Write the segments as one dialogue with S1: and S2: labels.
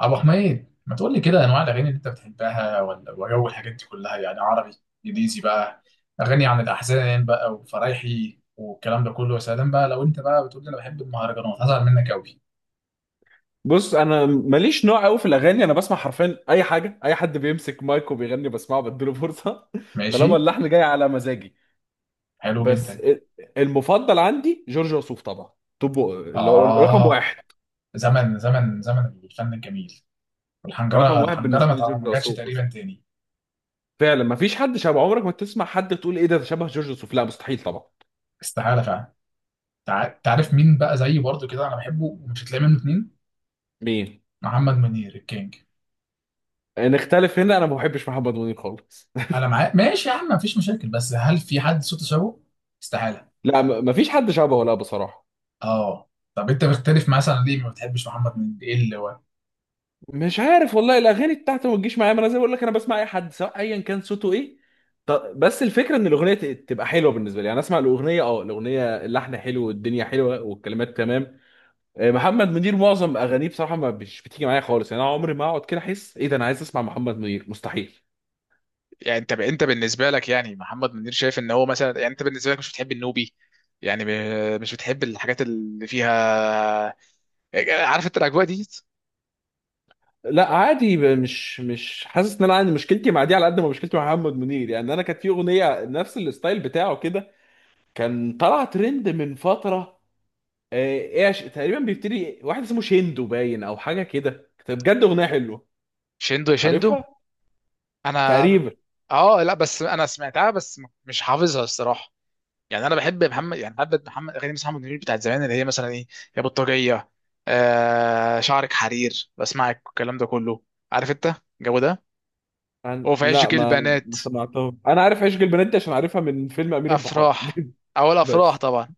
S1: ابو حميد، ما تقول لي كده انواع الاغاني اللي انت بتحبها؟ ولا وجو الحاجات دي كلها، يعني عربي، انجليزي بقى، اغاني عن الاحزان بقى وفرايحي والكلام ده كله. يا سلام بقى، لو انت بقى بتقول لي انا بحب المهرجانات هزعل منك قوي.
S2: بص، انا ماليش نوع قوي في الاغاني. انا بسمع حرفيا اي حاجه، اي حد بيمسك مايك وبيغني بسمعه بديله فرصه طالما
S1: ماشي.
S2: اللحن جاي على مزاجي.
S1: حلو
S2: بس،
S1: جدا.
S2: المفضل عندي جورج وسوف طبعا. طب اللي هو رقم
S1: اه،
S2: واحد.
S1: زمن زمن زمن الفن الجميل.
S2: رقم
S1: والحنجره
S2: واحد
S1: الحنجره ما
S2: بالنسبه لي
S1: تع-
S2: جورج
S1: ما جاتش
S2: وسوف بس.
S1: تقريبا تاني.
S2: فعلا، ما فيش حد شبه. عمرك ما تسمع حد تقول ايه ده ده شبه جورج وسوف، لا، مستحيل طبعا.
S1: استحاله فعلا. تعرف مين بقى زيي برضو كده انا بحبه ومش هتلاقي منه اتنين؟
S2: مين؟
S1: محمد منير الكينج.
S2: نختلف هنا، انا ما بحبش محمد منير خالص
S1: انا معاك، ماشي يا عم، مفيش مشاكل، بس هل في حد صوته شبهه؟ استحالة.
S2: لا، ما فيش حد شبهه، لا بصراحه.
S1: اه طب انت بتختلف مثلا ليه؟ ما بتحبش محمد منير، ايه اللي هو؟
S2: مش عارف والله، الاغاني بتاعته ما تجيش معايا. ما انا زي ما بقول لك انا بسمع اي حد سواء ايا كان صوته ايه. بس الفكره ان الاغنيه تبقى حلوه بالنسبه لي، يعني اسمع الاغنيه اللحن حلو والدنيا حلوه والكلمات تمام. محمد منير معظم اغانيه بصراحه ما مش بتيجي معايا خالص، يعني انا عمري ما اقعد كده احس ايه ده، انا عايز اسمع محمد منير؟ مستحيل.
S1: يعني انت بالنسبه لك، يعني محمد منير شايف ان هو مثلا، يعني انت بالنسبه لك مش بتحب النوبي، يعني مش بتحب الحاجات اللي فيها، عارف انت الاجواء دي.
S2: لا، عادي، مش حاسس ان انا عندي مشكلتي مع دي على قد ما مشكلتي مع محمد منير. يعني انا كانت في اغنيه نفس الستايل بتاعه كده، كان طلع ترند من فتره. ايه تقريبا بيبتدي واحد اسمه شيندو باين او حاجه كده، كانت بجد اغنيه حلوه.
S1: شندو يا شندو.
S2: عارفها
S1: انا،
S2: تقريبا.
S1: اه لا بس انا سمعتها بس مش حافظها الصراحه. يعني انا بحب محمد، يعني بحب محمد، اغاني محمد منير بتاعت زمان، اللي هي مثلا ايه، يا بطاريه، آه شعرك حرير، بسمعك الكلام ده كله، عارف انت الجو ده. هو في
S2: لا،
S1: عشق
S2: ما
S1: البنات.
S2: ما سمعتهم، انا عارف عشق البنات دي عشان عارفها من فيلم امير البحار
S1: افراح، اول افراح
S2: بس.
S1: طبعا.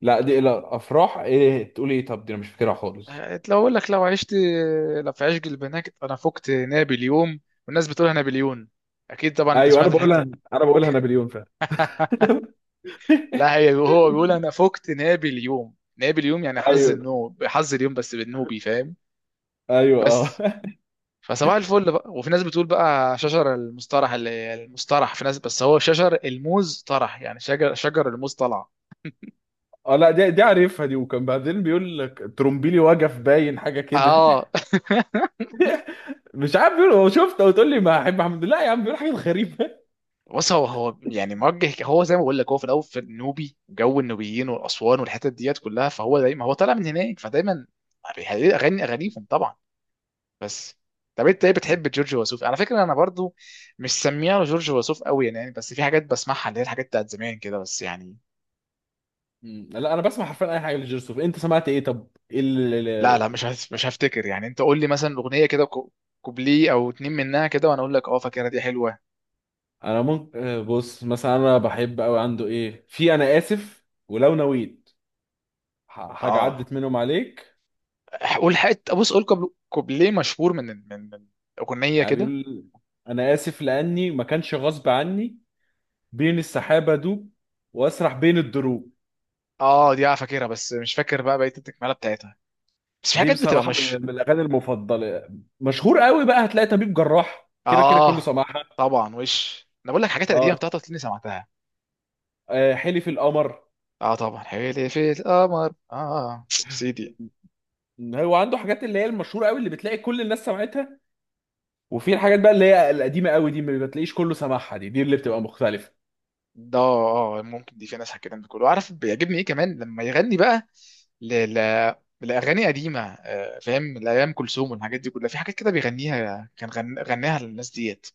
S2: لا دي لا افراح، ايه تقول ايه؟ طب دي انا مش فاكرها خالص.
S1: لو اقول لك لو عشت، لو في عشق البنات انا فقت نابليون، والناس بتقولها نابليون، اكيد طبعا انت
S2: ايوه، انا
S1: سمعت الحته
S2: بقولها
S1: دي.
S2: انا بقولها نابليون فعلا
S1: لا هي هو بيقول انا فقت نابليون. نابليون يعني حظ
S2: ايوه،
S1: النوم، حظ اليوم بس، بالنوبي، فاهم.
S2: ايوه، اه.
S1: بس فصباح الفل بقى. وفي ناس بتقول بقى شجر المسترح، اللي المسترح، في ناس بس هو شجر الموز طرح، يعني شجر الموز طلع.
S2: اه، لا دي عارفها، دي وكان بعدين بيقول لك ترومبيلي وجف باين حاجه كده
S1: اه
S2: مش عارف، بيقول هو شفت وتقول لي ما احب حمد الله يا عم، بيقول حاجه غريبه.
S1: بص، هو هو يعني موجه، هو زي ما بقول لك، هو في الاول في النوبي، جو النوبيين والاسوان والحتت ديت كلها، فهو دايما هو طالع من هناك، فدايما بيغني اغانيهم طبعا. بس. طب انت ايه بتحب جورج وسوف؟ على فكره انا برضو مش سميها جورج وسوف قوي يعني، بس في حاجات بسمعها اللي هي الحاجات بتاعت زمان كده، بس يعني.
S2: مم. لا، انا بسمع حرفيا اي حاجه لجيرسوف. انت سمعت ايه؟ طب ايه
S1: لا مش هفتكر يعني، انت قول لي مثلا اغنيه كده، كوبليه او اتنين منها كده وانا اقول لك اه فاكرها دي حلوه.
S2: انا ممكن بص مثلا، انا بحب قوي عنده ايه في انا اسف ولو نويت. حاجه
S1: اه
S2: عدت منهم عليك.
S1: قول حته، بص قول كوبليه مشهور من اغنيه
S2: يعني
S1: كده.
S2: بيقول: انا اسف لاني ما كانش غصب عني، بين السحابه دوب، واسرح بين الدروب.
S1: اه دي، اه فاكرها بس مش فاكر بقى بقيه التكمله بتاعتها. بس في
S2: دي
S1: حاجات بتبقى
S2: بصراحه
S1: مش.
S2: من الاغاني المفضله. مشهور قوي بقى، هتلاقي طبيب جراح كده كده كله
S1: اه
S2: سمعها.
S1: طبعا، وش انا بقول لك، حاجات القديمه
S2: اه.
S1: بتاعتها اللي سمعتها.
S2: حلف القمر.
S1: اه طبعا، حبيبي في القمر، اه سيدي.
S2: هو عنده حاجات اللي هي المشهوره قوي اللي بتلاقي كل الناس سمعتها، وفي الحاجات بقى اللي هي القديمه قوي دي ما بتلاقيش كله سامعها، دي اللي بتبقى مختلفه.
S1: ده اه ممكن دي، في ناس الكلام ده كله. عارف بيعجبني ايه كمان لما يغني بقى، ل... ل... لاغاني قديمه، فاهم، لايام كلثوم والحاجات دي كلها. في حاجات كده بيغنيها، كان غناها للناس ديت.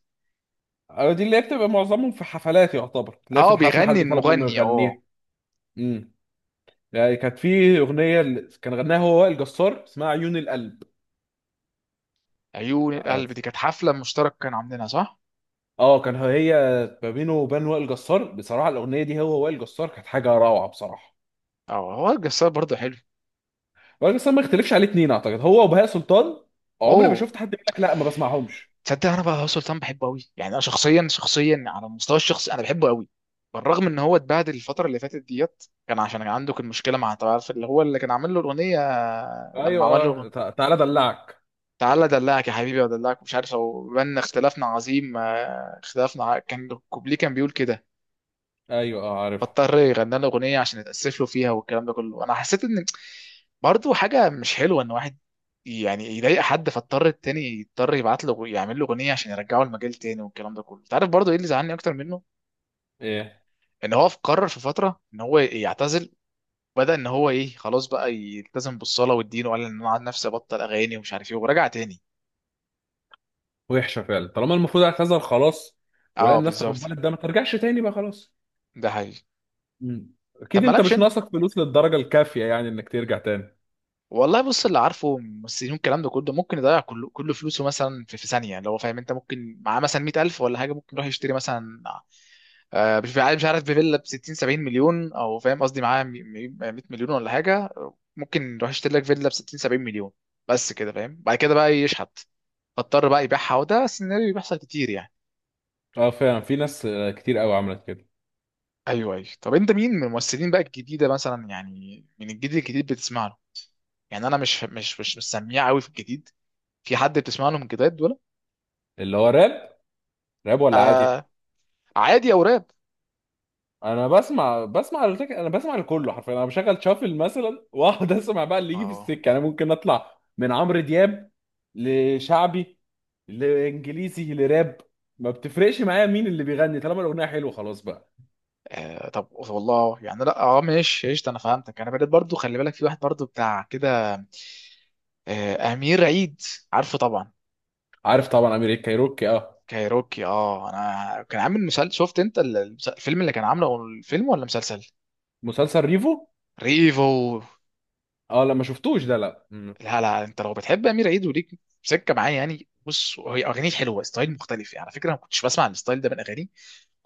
S2: أو دي اللي هي بتبقى معظمهم في حفلات، يعتبر تلاقي في
S1: اه،
S2: الحفله
S1: بيغني
S2: حد طلب منه
S1: المغني، اه.
S2: يغنيها. امم يعني كانت في اغنيه كان غناها هو وائل جسار، اسمها عيون القلب.
S1: عيون
S2: اه.
S1: القلب دي كانت حفله مشترك، كانوا عاملينها، صح؟
S2: كان هي ما بينه وبين وائل جسار بصراحه، الاغنيه دي هو وائل جسار كانت حاجه روعه بصراحه.
S1: اه هو الجسار برضه حلو.
S2: وائل جسار ما يختلفش عليه اتنين، اعتقد هو وبهاء سلطان. عمري ما
S1: اوه.
S2: شفت حد يقول لك لا ما بسمعهمش.
S1: تصدق انا بقى سلطان بحبه قوي، يعني انا شخصيا، شخصيا على المستوى الشخصي انا بحبه قوي، بالرغم ان هو اتبهدل الفتره اللي فاتت ديت، كان عشان كان عنده، كان مشكله مع، انت عارف اللي هو اللي كان عامل له الاغنيه، لما
S2: ايوه
S1: عمل
S2: اه.
S1: له
S2: تعالى ادلعك.
S1: تعالى ادلعك يا حبيبي وادلعك، مش عارف هو، بان اختلافنا عظيم، اختلافنا كان الكوبليه كان بيقول كده.
S2: ايوه اه، عارفه
S1: فاضطر يغني له اغنيه عشان يتاسف له فيها والكلام ده كله. انا حسيت ان برضه حاجه مش حلوه ان واحد يعني يضايق حد، فاضطر التاني يضطر يبعت له يعمل له اغنيه عشان يرجعه المجال تاني والكلام ده كله. انت عارف برضه ايه اللي زعلني اكتر منه؟
S2: ايه؟
S1: ان هو قرر في فتره ان هو يعتزل، بدأ ان هو ايه، خلاص بقى يلتزم بالصلاه والدين، وقال ان انا عن نفسي ابطل اغاني ومش عارف ايه، ورجع تاني.
S2: وحشه فعلا، طالما المفروض اعتذر خلاص. ولا
S1: اه
S2: الناس
S1: بالظبط.
S2: تقبلت ده، ما ترجعش تاني بقى خلاص.
S1: ده حقيقي.
S2: مم.
S1: طب
S2: اكيد، انت
S1: مالكش
S2: مش
S1: انت.
S2: ناقصك فلوس للدرجه الكافيه يعني انك ترجع تاني.
S1: والله بص، اللي عارفه ممثلين الكلام ده كله ممكن يضيع كل فلوسه مثلا في, في ثانيه. لو هو فاهم، انت ممكن معاه مثلا 100,000 ولا حاجه، ممكن يروح يشتري مثلا، مش عارف بفيلا ب 60 70 مليون، او فاهم قصدي، معاه 100 مليون ولا حاجه، ممكن يروح يشتري لك فيلا ب 60 70 مليون بس كده، فاهم، بعد كده بقى يشحت فاضطر بقى يبيعها. وده سيناريو بيحصل كتير يعني.
S2: اه فعلا، في ناس كتير قوي عملت كده.
S1: ايوه ايوه. طب انت مين من الممثلين بقى الجديده مثلا، يعني من الجديد الجديد بتسمع له؟ يعني انا مش سميع قوي في الجديد. في حد بتسمع له من الجداد
S2: اللي هو راب؟ راب ولا عادي؟
S1: ولا عادي او راب؟
S2: انا بسمع لكله حرفيا، انا بشغل شافل مثلا واقعد اسمع بقى اللي يجي في
S1: اه.
S2: السكه. انا ممكن اطلع من عمرو دياب لشعبي، لانجليزي، لراب. ما بتفرقش معايا مين اللي بيغني، طالما الاغنيه حلوه خلاص بقى.
S1: آه طب والله يعني لا، اه ماشي قشطه، انا فهمتك. انا بدأت برضو، خلي بالك في واحد برضو بتاع كده، آه امير عيد، عارفه طبعا.
S2: عارف طبعا، امير الكايروكي اه.
S1: كايروكي، اه، انا كان عامل مسلسل، شفت انت الفيلم اللي كان عامله، أو الفيلم ولا مسلسل
S2: مسلسل ريفو.
S1: ريفو؟
S2: اه لا، ما شفتوش ده، لا. مم.
S1: لا لا، انت لو بتحب امير عيد وليك سكه معاه، يعني بص هي اغانيه حلوه، ستايل مختلف يعني، على فكره انا ما كنتش بسمع الستايل ده من اغانيه.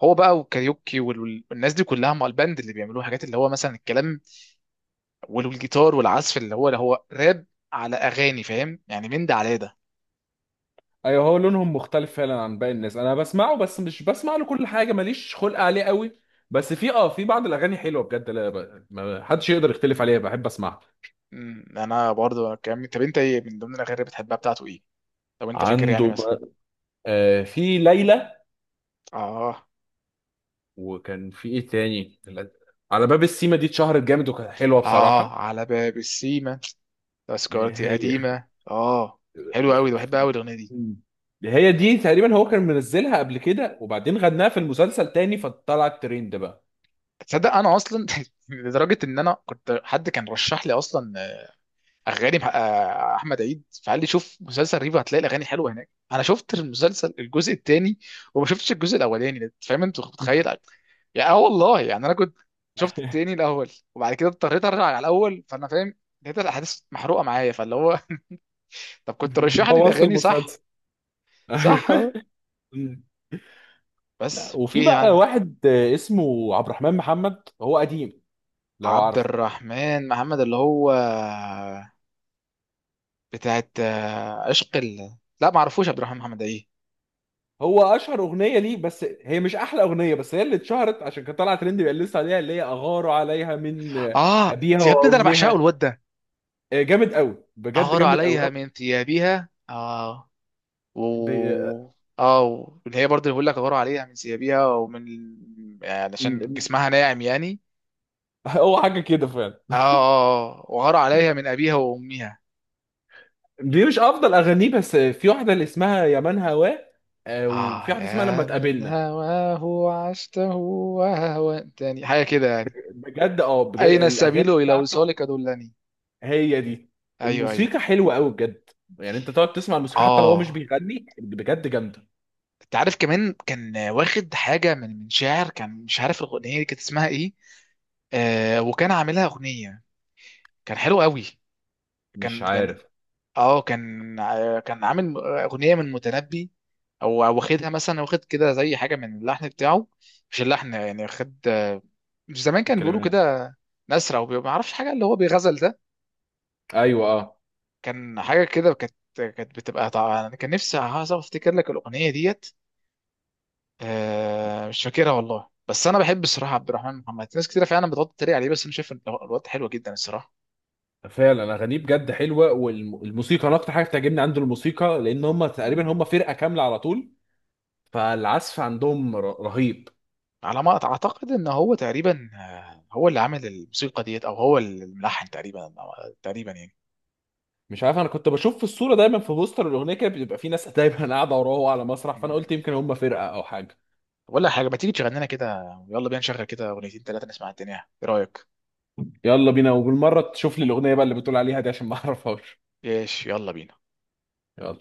S1: هو بقى وكاريوكي والناس دي كلها مع الباند اللي بيعملوه، حاجات اللي هو مثلا الكلام والجيتار والعزف اللي هو، اللي هو راب على اغاني، فاهم يعني، من ده على ده.
S2: ايوه، هو لونهم مختلف فعلا عن باقي الناس، انا بسمعه بس مش بسمع له كل حاجه، ماليش خلق عليه قوي. بس في بعض الاغاني حلوه بجد، لا ما حدش يقدر يختلف عليها، بحب اسمعها.
S1: انا برضه طب انت ايه من ضمن الاغاني اللي بتحبها بتاعته ايه، لو انت فاكر يعني
S2: عنده
S1: مثلا؟
S2: في ليلى.
S1: اه
S2: وكان في ايه تاني؟ على باب السيما دي اتشهرت جامد وكانت حلوه
S1: اه،
S2: بصراحه.
S1: على باب السيما، تذكرتي
S2: هي
S1: قديمه، اه. حلو قوي، ده بحبها قوي الاغنيه دي.
S2: هي دي تقريبا هو كان منزلها قبل كده، وبعدين غناها في المسلسل تاني فطلعت ترند بقى.
S1: تصدق انا اصلا لدرجه ان انا كنت، حد كان رشح لي اصلا احمد عيد، فقال لي شوف مسلسل ريفو هتلاقي الاغاني حلوه هناك. انا شفت المسلسل الجزء الثاني وما شفتش الجزء الاولاني ده. فاهم انت، متخيل يعني، اه والله يعني انا كنت شفت التاني الاول وبعد كده اضطريت ارجع على الاول. فانا فاهم لقيت الاحداث محروقه معايا، فاللي هو طب كنت رشح لي
S2: بوظت
S1: الاغاني، صح؟
S2: المسلسل. ايوه
S1: صح اه.
S2: مم.
S1: بس
S2: لا، وفي
S1: في،
S2: بقى
S1: عن
S2: واحد اسمه عبد الرحمن محمد، هو قديم لو
S1: عبد
S2: عارفه.
S1: الرحمن محمد اللي هو بتاعت، عشق لا ما اعرفوش عبد الرحمن محمد، ايه؟
S2: هو اشهر اغنيه ليه بس هي مش احلى اغنيه، بس هي اللي اتشهرت عشان كانت طالعه ترند بيقال لسه عليها، اللي هي اغار عليها من
S1: اه
S2: ابيها
S1: يا ابني ده انا بعشقه
S2: وامها.
S1: الواد ده.
S2: جامد قوي بجد،
S1: أغار
S2: جامد قوي
S1: عليها من ثيابها، آه، و،
S2: ب- آه،
S1: اه اللي هي برضه بيقول لك أغار عليها من ثيابها ومن، يعني
S2: م-
S1: عشان
S2: م-
S1: جسمها ناعم يعني.
S2: هو حاجه كده فعلا.
S1: اه اه آه. وغار عليها من أبيها وأمها.
S2: دي مش افضل اغانيه، بس في واحده اللي اسمها يا من هواه،
S1: اه
S2: وفي واحده اسمها لما
S1: يا من
S2: تقابلنا.
S1: هواه عشته وهوتني، حاجة كده يعني.
S2: بجد اه بجد
S1: أين السبيل
S2: الاغاني.
S1: إلى وصالك دلني.
S2: هي دي.
S1: أيوه أيوه.
S2: الموسيقى حلوة قوي بجد، يعني انت تقعد تسمع الموسيقى حتى لو هو مش
S1: اه
S2: بيغني، بجد جامدة.
S1: انت عارف كمان كان واخد حاجة من، من شاعر، كان مش عارف الأغنية دي كانت اسمها ايه، آه وكان عاملها أغنية. كان حلو قوي،
S2: مش
S1: كان يعني،
S2: عارف
S1: اه، كان كان عامل اغنيه من متنبي، او او واخدها مثلا، واخد كده زي حاجه من اللحن بتاعه، مش اللحن يعني، واخد، مش زمان كان بيقولوا
S2: الكلمات.
S1: كده، نسرة وما اعرفش حاجه اللي هو بيغزل ده.
S2: ايوه اه
S1: كان حاجه كده، كانت كانت بتبقى، طبعا انا كان نفسي عايز افتكر لك الاغنيه ديت. آه مش فاكرها والله، بس انا بحب الصراحه عبد الرحمن محمد. ناس كتير فعلا بتقعد تتريق عليه بس انا شايف إن الواد حلو جدا الصراحه.
S2: فعلا، اغانيه بجد حلوة، والموسيقى انا اكتر حاجة بتعجبني عنده الموسيقى، لان هم تقريبا
S1: مم.
S2: هم فرقة كاملة على طول، فالعزف عندهم رهيب.
S1: على ما اعتقد ان هو تقريبا، هو اللي عامل الموسيقى ديت، او هو الملحن تقريبا تقريبا يعني.
S2: مش عارف، انا كنت بشوف في الصورة دايما، في بوستر الاغنية كده بيبقى في ناس دايما قاعدة وراه على مسرح، فانا
S1: مم.
S2: قلت يمكن هم فرقة او حاجة.
S1: ولا حاجه، ما تيجي تشغل لنا كده، يلا بينا نشغل كده اغنيتين ثلاثه نسمع الدنيا، ايه رايك؟
S2: يلا بينا، وبالمرة تشوف لي الاغنية بقى اللي بتقول عليها دي عشان ما اعرفهاش.
S1: ايش، يلا بينا.
S2: يلا.